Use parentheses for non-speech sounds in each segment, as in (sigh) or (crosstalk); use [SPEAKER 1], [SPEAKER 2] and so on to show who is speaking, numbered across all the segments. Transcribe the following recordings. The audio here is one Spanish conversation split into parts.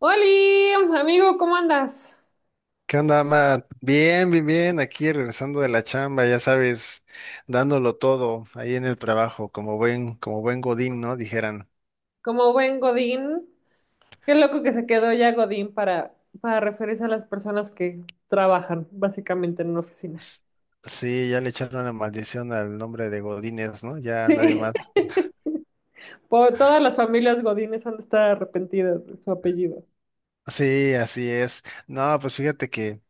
[SPEAKER 1] Oli, amigo, ¿cómo andas?
[SPEAKER 2] ¿Qué onda, Matt? Bien, bien, bien, aquí regresando de la chamba, ya sabes, dándolo todo ahí en el trabajo, como buen Godín, ¿no? Dijeran.
[SPEAKER 1] Como buen Godín. Qué loco que se quedó ya Godín para referirse a las personas que trabajan básicamente en una oficina.
[SPEAKER 2] Sí, ya le echaron la maldición al nombre de Godínez, ¿no? Ya nadie
[SPEAKER 1] Sí,
[SPEAKER 2] más.
[SPEAKER 1] (laughs) todas las familias Godines han de estar arrepentidas de su apellido.
[SPEAKER 2] Sí, así es. No, pues fíjate que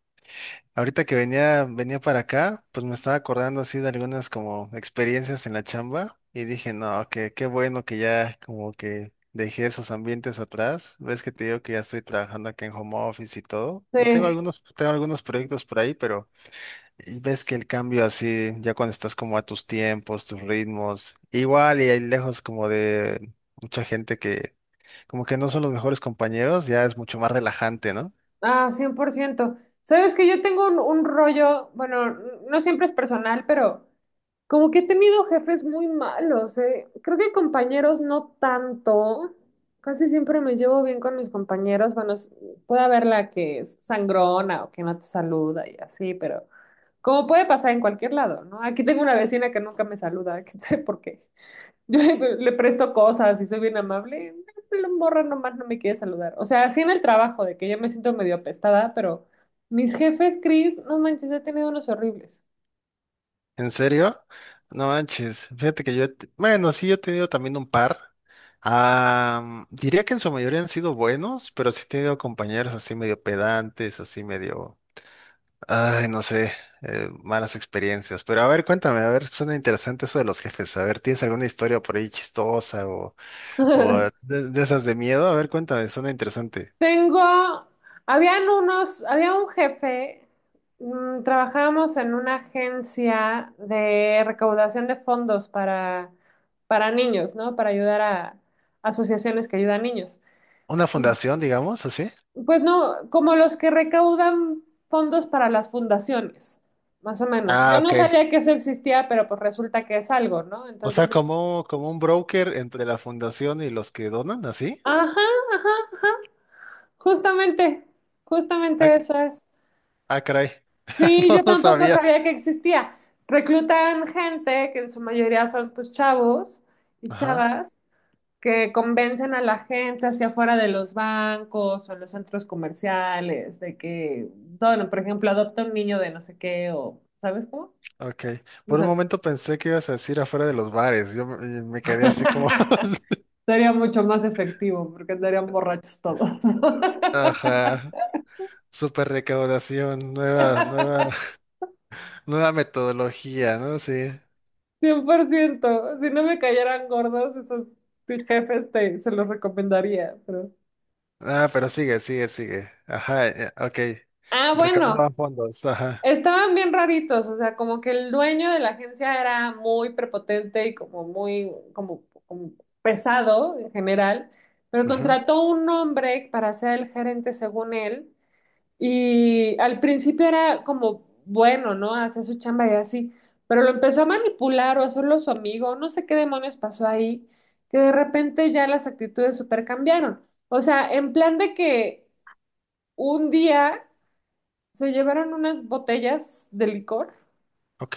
[SPEAKER 2] ahorita que venía para acá, pues me estaba acordando así de algunas como experiencias en la chamba y dije, no, que qué bueno que ya como que dejé esos ambientes atrás. Ves que te digo que ya estoy trabajando aquí en home office y todo. Y tengo
[SPEAKER 1] Sí.
[SPEAKER 2] algunos, tengo algunos proyectos por ahí, pero ves que el cambio así, ya cuando estás como a tus tiempos, tus ritmos, igual y ahí lejos como de mucha gente que como que no son los mejores compañeros, ya es mucho más relajante, ¿no?
[SPEAKER 1] Ah, 100%. Sabes que yo tengo un rollo. Bueno, no siempre es personal, pero como que he tenido jefes muy malos, eh. Creo que compañeros no tanto. Casi siempre me llevo bien con mis compañeros. Bueno, puede haber la que es sangrona o que no te saluda y así, pero como puede pasar en cualquier lado, ¿no? Aquí tengo una vecina que nunca me saluda, (laughs) que sé por qué. (laughs) Yo le presto cosas y soy bien amable. No, la morra nomás no me quiere saludar. O sea, así en el trabajo, de que ya me siento medio apestada, pero mis jefes, Chris, no manches, he tenido unos horribles.
[SPEAKER 2] ¿En serio? No manches. Fíjate que yo, he te- bueno, sí, yo he tenido también un par. Ah, Diría que en su mayoría han sido buenos, pero sí he tenido compañeros así medio pedantes, así medio, ay, no sé, malas experiencias. Pero a ver, cuéntame, a ver, suena interesante eso de los jefes. A ver, ¿tienes alguna historia por ahí chistosa o
[SPEAKER 1] (laughs)
[SPEAKER 2] de esas de miedo? A ver, cuéntame, suena interesante.
[SPEAKER 1] Tengo, habían unos, había un jefe, trabajábamos en una agencia de recaudación de fondos para niños, ¿no? Para ayudar a asociaciones que ayudan a niños.
[SPEAKER 2] ¿Una fundación, digamos, así?
[SPEAKER 1] Pues no, como los que recaudan fondos para las fundaciones, más o menos.
[SPEAKER 2] Ah,
[SPEAKER 1] Yo no
[SPEAKER 2] ok.
[SPEAKER 1] sabía que eso existía, pero pues resulta que es algo, ¿no?
[SPEAKER 2] O
[SPEAKER 1] Entonces,
[SPEAKER 2] sea,
[SPEAKER 1] yo,
[SPEAKER 2] como un broker entre la fundación y los que donan, ¿así?
[SPEAKER 1] ajá, ajá, ajá, justamente,
[SPEAKER 2] Ah,
[SPEAKER 1] justamente eso es.
[SPEAKER 2] Ah, caray. (laughs)
[SPEAKER 1] Sí,
[SPEAKER 2] No,
[SPEAKER 1] yo
[SPEAKER 2] no
[SPEAKER 1] tampoco
[SPEAKER 2] sabía.
[SPEAKER 1] sabía que existía. Reclutan gente, que en su mayoría son pues chavos y
[SPEAKER 2] Ajá,
[SPEAKER 1] chavas, que convencen a la gente hacia afuera de los bancos o en los centros comerciales de que, bueno, por ejemplo, adopta un niño de no sé qué o, ¿sabes cómo?
[SPEAKER 2] ok. Por un
[SPEAKER 1] Entonces,
[SPEAKER 2] momento pensé que ibas a decir afuera de los bares. Yo me quedé así como, (laughs)
[SPEAKER 1] (laughs) sería mucho más efectivo porque andarían borrachos todos. (laughs)
[SPEAKER 2] ajá, super recaudación, (laughs) nueva metodología, ¿no? Sí.
[SPEAKER 1] 100%. Si no me cayeran gordos, esos se los recomendaría. Pero...
[SPEAKER 2] Ah, pero sigue, sigue, sigue. Ajá, ok.
[SPEAKER 1] Ah, bueno,
[SPEAKER 2] Recaudaban fondos, ajá.
[SPEAKER 1] estaban bien raritos. O sea, como que el dueño de la agencia era muy prepotente y como muy como pesado en general. Pero
[SPEAKER 2] Ujú,
[SPEAKER 1] contrató un hombre para ser el gerente según él. Y al principio era como bueno, ¿no? Hacía su chamba y así, pero lo empezó a manipular o a hacerlo su amigo, no sé qué demonios pasó ahí, que de repente ya las actitudes super cambiaron. O sea, en plan de que un día se llevaron unas botellas de licor
[SPEAKER 2] ok,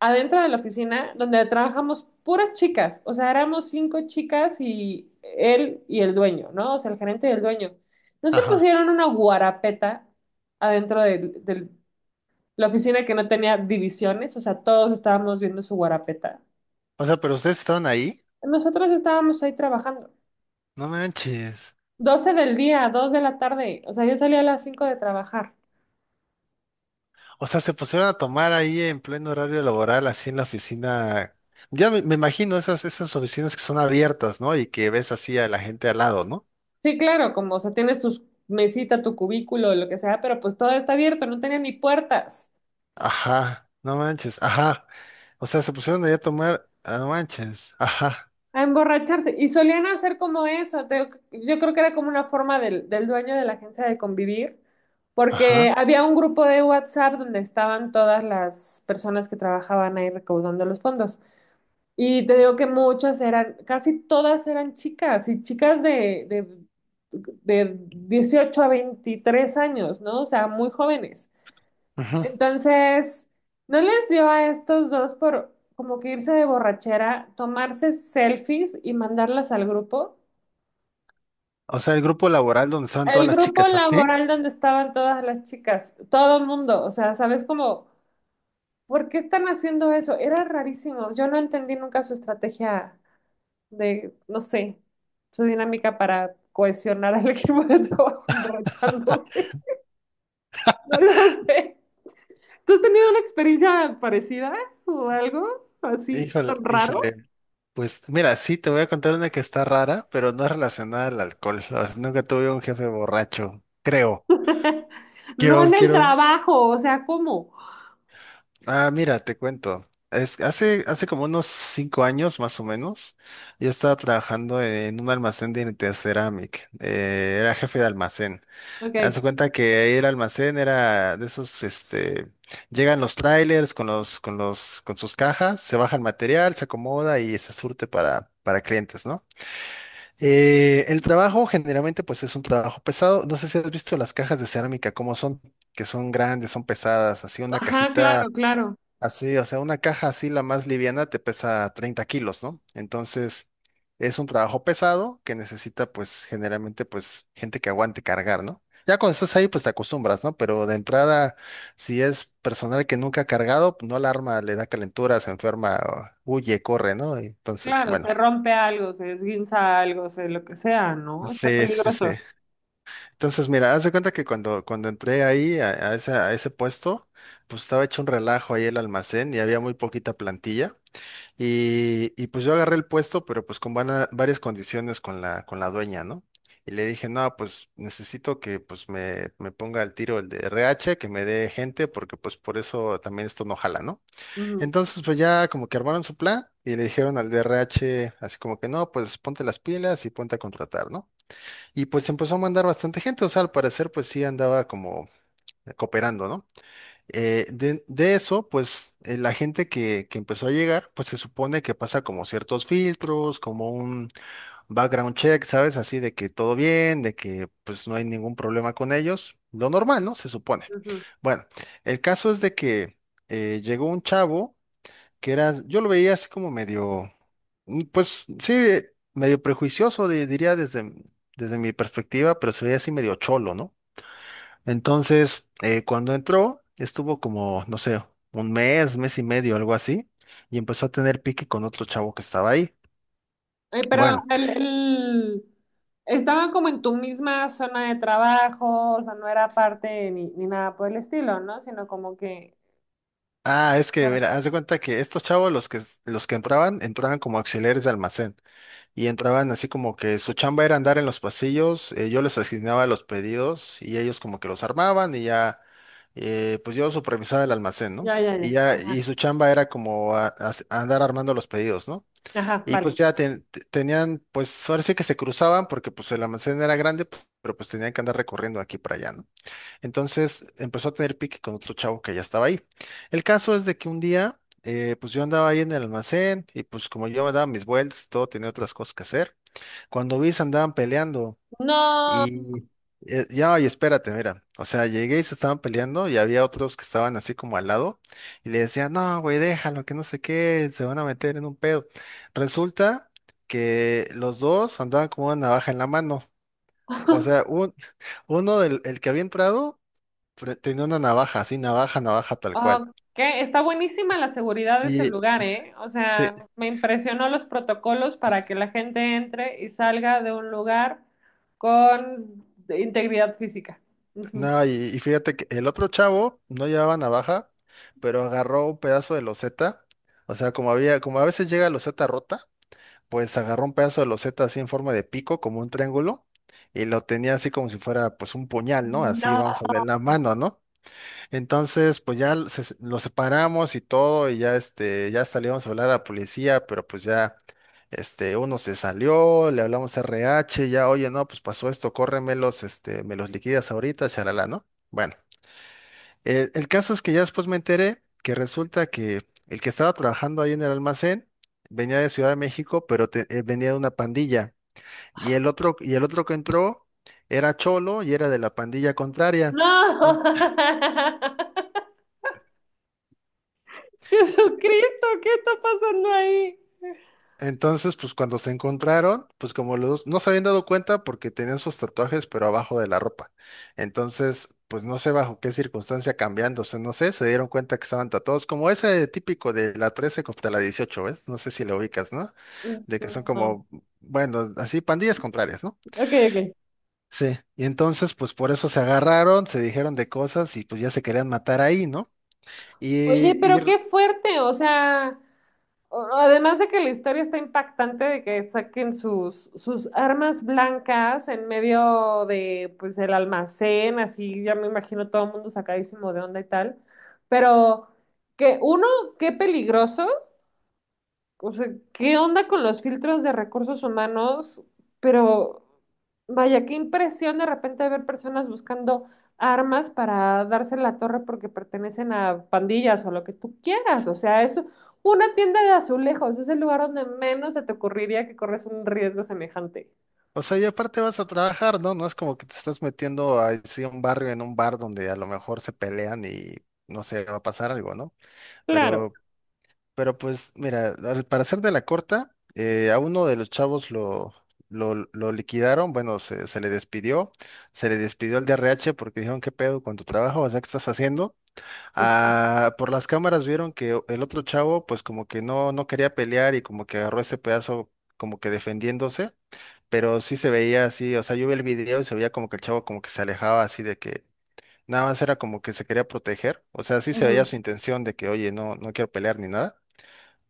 [SPEAKER 1] adentro de la oficina donde trabajamos puras chicas, o sea, éramos 5 chicas y él y el dueño, ¿no? O sea, el gerente y el dueño. No se
[SPEAKER 2] ajá.
[SPEAKER 1] pusieron una guarapeta adentro del la oficina que no tenía divisiones, o sea, todos estábamos viendo su guarapeta.
[SPEAKER 2] O sea, pero ustedes estaban ahí.
[SPEAKER 1] Nosotros estábamos ahí trabajando.
[SPEAKER 2] No manches.
[SPEAKER 1] 12 del día, 2 de la tarde, o sea, yo salía a las 5 de trabajar.
[SPEAKER 2] O sea, se pusieron a tomar ahí en pleno horario laboral, así en la oficina. Ya me imagino esas oficinas que son abiertas, ¿no? Y que ves así a la gente al lado, ¿no?
[SPEAKER 1] Sí, claro, como, o sea, tienes tu mesita, tu cubículo, lo que sea, pero pues todo está abierto, no tenía ni puertas.
[SPEAKER 2] Ajá, no manches, ajá. O sea, se pusieron ahí a tomar, no manches, ajá,
[SPEAKER 1] A emborracharse. Y solían hacer como eso, yo creo que era como una forma del dueño de la agencia de convivir.
[SPEAKER 2] ajá,
[SPEAKER 1] Porque había un grupo de WhatsApp donde estaban todas las personas que trabajaban ahí recaudando los fondos. Y te digo que muchas eran, casi todas eran chicas, y chicas de 18 a 23 años, ¿no? O sea, muy jóvenes.
[SPEAKER 2] ujú.
[SPEAKER 1] Entonces, ¿no les dio a estos dos por como que irse de borrachera, tomarse selfies y mandarlas al grupo?
[SPEAKER 2] O sea, el grupo laboral donde estaban todas
[SPEAKER 1] El
[SPEAKER 2] las
[SPEAKER 1] grupo
[SPEAKER 2] chicas, ¿así?
[SPEAKER 1] laboral donde estaban todas las chicas, todo el mundo, o sea, ¿sabes cómo? ¿Por qué están haciendo eso? Era rarísimo, yo no entendí nunca su estrategia de, no sé, su dinámica para cohesionar al (laughs) equipo de trabajo emborrachándose. No lo sé. ¿Tú has tenido una experiencia parecida o algo así
[SPEAKER 2] Híjole,
[SPEAKER 1] tan raro?
[SPEAKER 2] híjole. Pues mira, sí, te voy a contar una que está rara, pero no es relacionada al alcohol. O sea, nunca tuve un jefe borracho, creo.
[SPEAKER 1] (laughs) No
[SPEAKER 2] Quiero,
[SPEAKER 1] en el
[SPEAKER 2] quiero,
[SPEAKER 1] trabajo, o sea, ¿cómo?
[SPEAKER 2] mira, te cuento. Hace como unos 5 años más o menos, yo estaba trabajando en un almacén de Interceramic. Era jefe de almacén.
[SPEAKER 1] Ok.
[SPEAKER 2] Haz de cuenta que ahí el almacén era de esos, llegan los trailers con los, con sus cajas, se baja el material, se acomoda y se surte para clientes, ¿no? El trabajo generalmente pues es un trabajo pesado. No sé si has visto las cajas de cerámica, cómo son, que son grandes, son pesadas, así una
[SPEAKER 1] Ajá,
[SPEAKER 2] cajita.
[SPEAKER 1] claro, claro.
[SPEAKER 2] Así, o sea, una caja así, la más liviana, te pesa 30 kilos, ¿no? Entonces, es un trabajo pesado que necesita, pues, generalmente, pues, gente que aguante cargar, ¿no? Ya cuando estás ahí, pues, te acostumbras, ¿no? Pero de entrada, si es personal que nunca ha cargado, pues, no la arma, le da calentura, se enferma, o huye, corre, ¿no? Entonces,
[SPEAKER 1] Claro,
[SPEAKER 2] bueno.
[SPEAKER 1] se rompe algo, se esguinza algo, se lo que sea, ¿no? Está
[SPEAKER 2] Sí, sí, sí.
[SPEAKER 1] peligroso.
[SPEAKER 2] Entonces, mira, haz de cuenta que cuando entré ahí a ese puesto, pues estaba hecho un relajo ahí el almacén y había muy poquita plantilla. Y pues yo agarré el puesto, pero pues con varias condiciones con la dueña, ¿no? Y le dije, no, pues necesito que pues me ponga al tiro el de RH, que me dé gente, porque pues por eso también esto no jala, ¿no?
[SPEAKER 1] Ujú,
[SPEAKER 2] Entonces pues ya como que armaron su plan y le dijeron al de RH así como que no, pues ponte las pilas y ponte a contratar, ¿no? Y pues empezó a mandar bastante gente, o sea, al parecer pues sí andaba como cooperando, ¿no? De eso, pues la gente que empezó a llegar, pues se supone que pasa como ciertos filtros, como un background check, ¿sabes? Así de que todo bien, de que pues no hay ningún problema con ellos. Lo normal, ¿no? Se supone.
[SPEAKER 1] ujú.
[SPEAKER 2] Bueno, el caso es de que llegó un chavo que era, yo lo veía así como medio, pues sí, medio prejuicioso, diría desde mi perspectiva, pero se veía así medio cholo, ¿no? Entonces, cuando entró, estuvo como, no sé, un mes, mes y medio, algo así, y empezó a tener pique con otro chavo que estaba ahí.
[SPEAKER 1] Oye, pero
[SPEAKER 2] Bueno,
[SPEAKER 1] estaba como en tu misma zona de trabajo, o sea, no era parte ni nada por el estilo, ¿no? Sino como que...
[SPEAKER 2] es que,
[SPEAKER 1] Claro.
[SPEAKER 2] mira, haz de cuenta que estos chavos, los que entraban, entraban como auxiliares de almacén, y entraban así como que su chamba era andar en los pasillos, yo les asignaba los pedidos, y ellos como que los armaban, y ya, pues yo supervisaba el almacén, ¿no?
[SPEAKER 1] Ya, ya,
[SPEAKER 2] Y
[SPEAKER 1] ya.
[SPEAKER 2] ya,
[SPEAKER 1] Ajá,
[SPEAKER 2] y su chamba era como andar armando los pedidos, ¿no?
[SPEAKER 1] ajá,
[SPEAKER 2] Y pues
[SPEAKER 1] vale.
[SPEAKER 2] ya tenían, pues ahora sí que se cruzaban porque pues el almacén era grande, pero pues tenían que andar recorriendo aquí para allá, ¿no? Entonces empezó a tener pique con otro chavo que ya estaba ahí. El caso es de que un día, pues yo andaba ahí en el almacén y pues como yo me daba mis vueltas y todo, tenía otras cosas que hacer. Cuando vi, se andaban peleando.
[SPEAKER 1] No.
[SPEAKER 2] Y ya, y espérate, mira, o sea, llegué y se estaban peleando y había otros que estaban así como al lado y le decían, no, güey, déjalo, que no sé qué, se van a meter en un pedo. Resulta que los dos andaban como una navaja en la mano, o sea,
[SPEAKER 1] (laughs)
[SPEAKER 2] (laughs) uno del el que había entrado tenía una navaja, así, navaja, navaja tal cual.
[SPEAKER 1] Ok, está buenísima la seguridad de ese
[SPEAKER 2] Y,
[SPEAKER 1] lugar, ¿eh? O
[SPEAKER 2] se,
[SPEAKER 1] sea, me impresionó los protocolos para que la gente entre y salga de un lugar con integridad física. Ujú.
[SPEAKER 2] no, y fíjate que el otro chavo no llevaba navaja, pero agarró un pedazo de loseta, o sea, como había, como a veces llega loseta rota. Pues agarró un pedazo de loseta así en forma de pico, como un triángulo, y lo tenía así como si fuera pues un puñal, ¿no? Así
[SPEAKER 1] No,
[SPEAKER 2] vamos a ver la mano, ¿no? Entonces, pues ya lo separamos y todo, y ya ya hasta le íbamos a hablar a la policía, pero pues ya, uno se salió, le hablamos a RH, ya, oye, no, pues pasó esto, córremelos, me los liquidas ahorita, charalá, ¿no? Bueno. El caso es que ya después me enteré que resulta que el que estaba trabajando ahí en el almacén venía de Ciudad de México, pero venía de una pandilla. Y el otro que entró era cholo y era de la pandilla contraria. En-
[SPEAKER 1] no. (laughs) (laughs) Jesucristo, ¿qué está pasando ahí?
[SPEAKER 2] Entonces, pues cuando se encontraron, pues como los dos no se habían dado cuenta porque tenían sus tatuajes, pero abajo de la ropa. Entonces, pues no sé bajo qué circunstancia cambiándose, no sé, se dieron cuenta que estaban tatuados, como ese típico de la 13 contra la 18, ¿ves? No sé si lo ubicas, ¿no? De que son
[SPEAKER 1] No.
[SPEAKER 2] como, bueno, así pandillas contrarias, ¿no?
[SPEAKER 1] Ok, ok.
[SPEAKER 2] Sí, y entonces pues por eso se agarraron, se dijeron de cosas y pues ya se querían matar ahí, ¿no? Y,
[SPEAKER 1] Oye,
[SPEAKER 2] y,
[SPEAKER 1] pero qué fuerte, o sea, además de que la historia está impactante de que saquen sus armas blancas en medio de, pues, el almacén, así ya me imagino todo el mundo sacadísimo de onda y tal, pero que uno, qué peligroso. O sea, ¿qué onda con los filtros de recursos humanos? Pero vaya, qué impresión de repente ver personas buscando armas para darse en la torre porque pertenecen a pandillas o lo que tú quieras. O sea, es una tienda de azulejos, es el lugar donde menos se te ocurriría que corres un riesgo semejante.
[SPEAKER 2] o sea, y aparte vas a trabajar, ¿no? No es como que te estás metiendo a así a un barrio en un bar donde a lo mejor se pelean y no sé, va a pasar algo, ¿no?
[SPEAKER 1] Claro.
[SPEAKER 2] Pero, pero pues mira, para hacer de la corta, a uno de los chavos lo liquidaron, bueno, se le despidió al DRH porque dijeron, ¿qué pedo con tu trabajo? O sea, ¿qué estás haciendo? Ah, por las cámaras vieron que el otro chavo, pues como que no, no quería pelear y como que agarró ese pedazo como que defendiéndose, pero sí se veía así, o sea, yo vi el video y se veía como que el chavo como que se alejaba así de que nada más era como que se quería proteger, o sea, sí se veía
[SPEAKER 1] Ujú.
[SPEAKER 2] su intención de que, oye, no, no quiero pelear ni nada.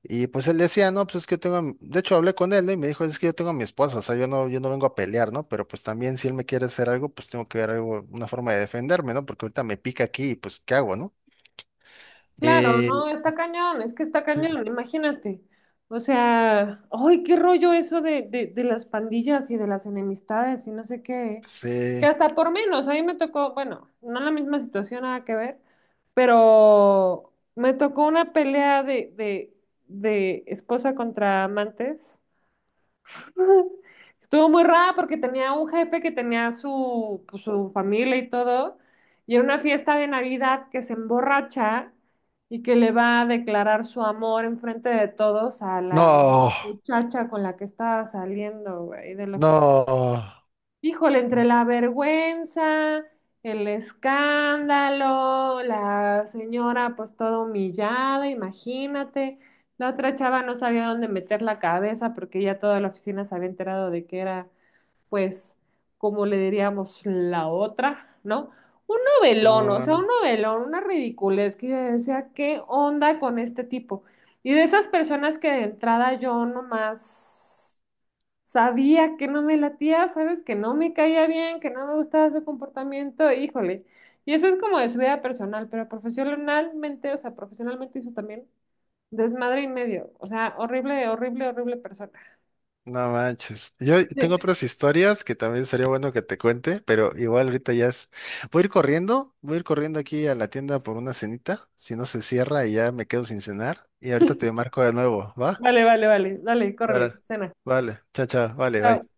[SPEAKER 2] Y pues él decía, no, pues es que yo tengo, a mi-". De hecho hablé con él, ¿no? Y me dijo, es que yo tengo a mi esposa, o sea, yo no vengo a pelear, ¿no? Pero pues también si él me quiere hacer algo, pues tengo que ver algo, una forma de defenderme, ¿no? Porque ahorita me pica aquí y pues, ¿qué hago, no?
[SPEAKER 1] Claro,
[SPEAKER 2] Eh,
[SPEAKER 1] no, está cañón, es que está cañón, imagínate. O sea, ay, qué rollo eso de las pandillas y de las enemistades y no sé qué. Que
[SPEAKER 2] Sí.
[SPEAKER 1] hasta por menos, a mí me tocó, bueno, no la misma situación, nada que ver, pero me tocó una pelea de esposa contra amantes. Estuvo muy rara porque tenía un jefe que tenía su, pues, su familia y todo, y era una fiesta de Navidad que se emborracha y que le va a declarar su amor enfrente de todos a la
[SPEAKER 2] No,
[SPEAKER 1] muchacha con la que estaba saliendo, güey, de la oficina.
[SPEAKER 2] no,
[SPEAKER 1] Híjole, entre la vergüenza, el escándalo, la señora pues toda humillada, imagínate. La otra chava no sabía dónde meter la cabeza porque ya toda la oficina se había enterado de que era pues, como le diríamos, la otra, ¿no? Un novelón, o sea,
[SPEAKER 2] no,
[SPEAKER 1] un novelón, una ridiculez que yo decía, ¿qué onda con este tipo? Y de esas personas que de entrada yo nomás sabía que no me latía, sabes, que no me caía bien, que no me gustaba su comportamiento, híjole. Y eso es como de su vida personal, pero profesionalmente, o sea, profesionalmente hizo también desmadre y medio. O sea, horrible, horrible, horrible persona.
[SPEAKER 2] no manches. Yo tengo
[SPEAKER 1] Sí.
[SPEAKER 2] otras historias que también sería bueno que te cuente, pero igual ahorita ya es. Voy a ir corriendo aquí a la tienda por una cenita, si no se cierra y ya me quedo sin cenar. Y ahorita te marco de nuevo, ¿va?
[SPEAKER 1] Vale, vale, vale. Dale, córrele,
[SPEAKER 2] Ahora,
[SPEAKER 1] cena.
[SPEAKER 2] vale, chao, chao, vale,
[SPEAKER 1] Chao.
[SPEAKER 2] bye.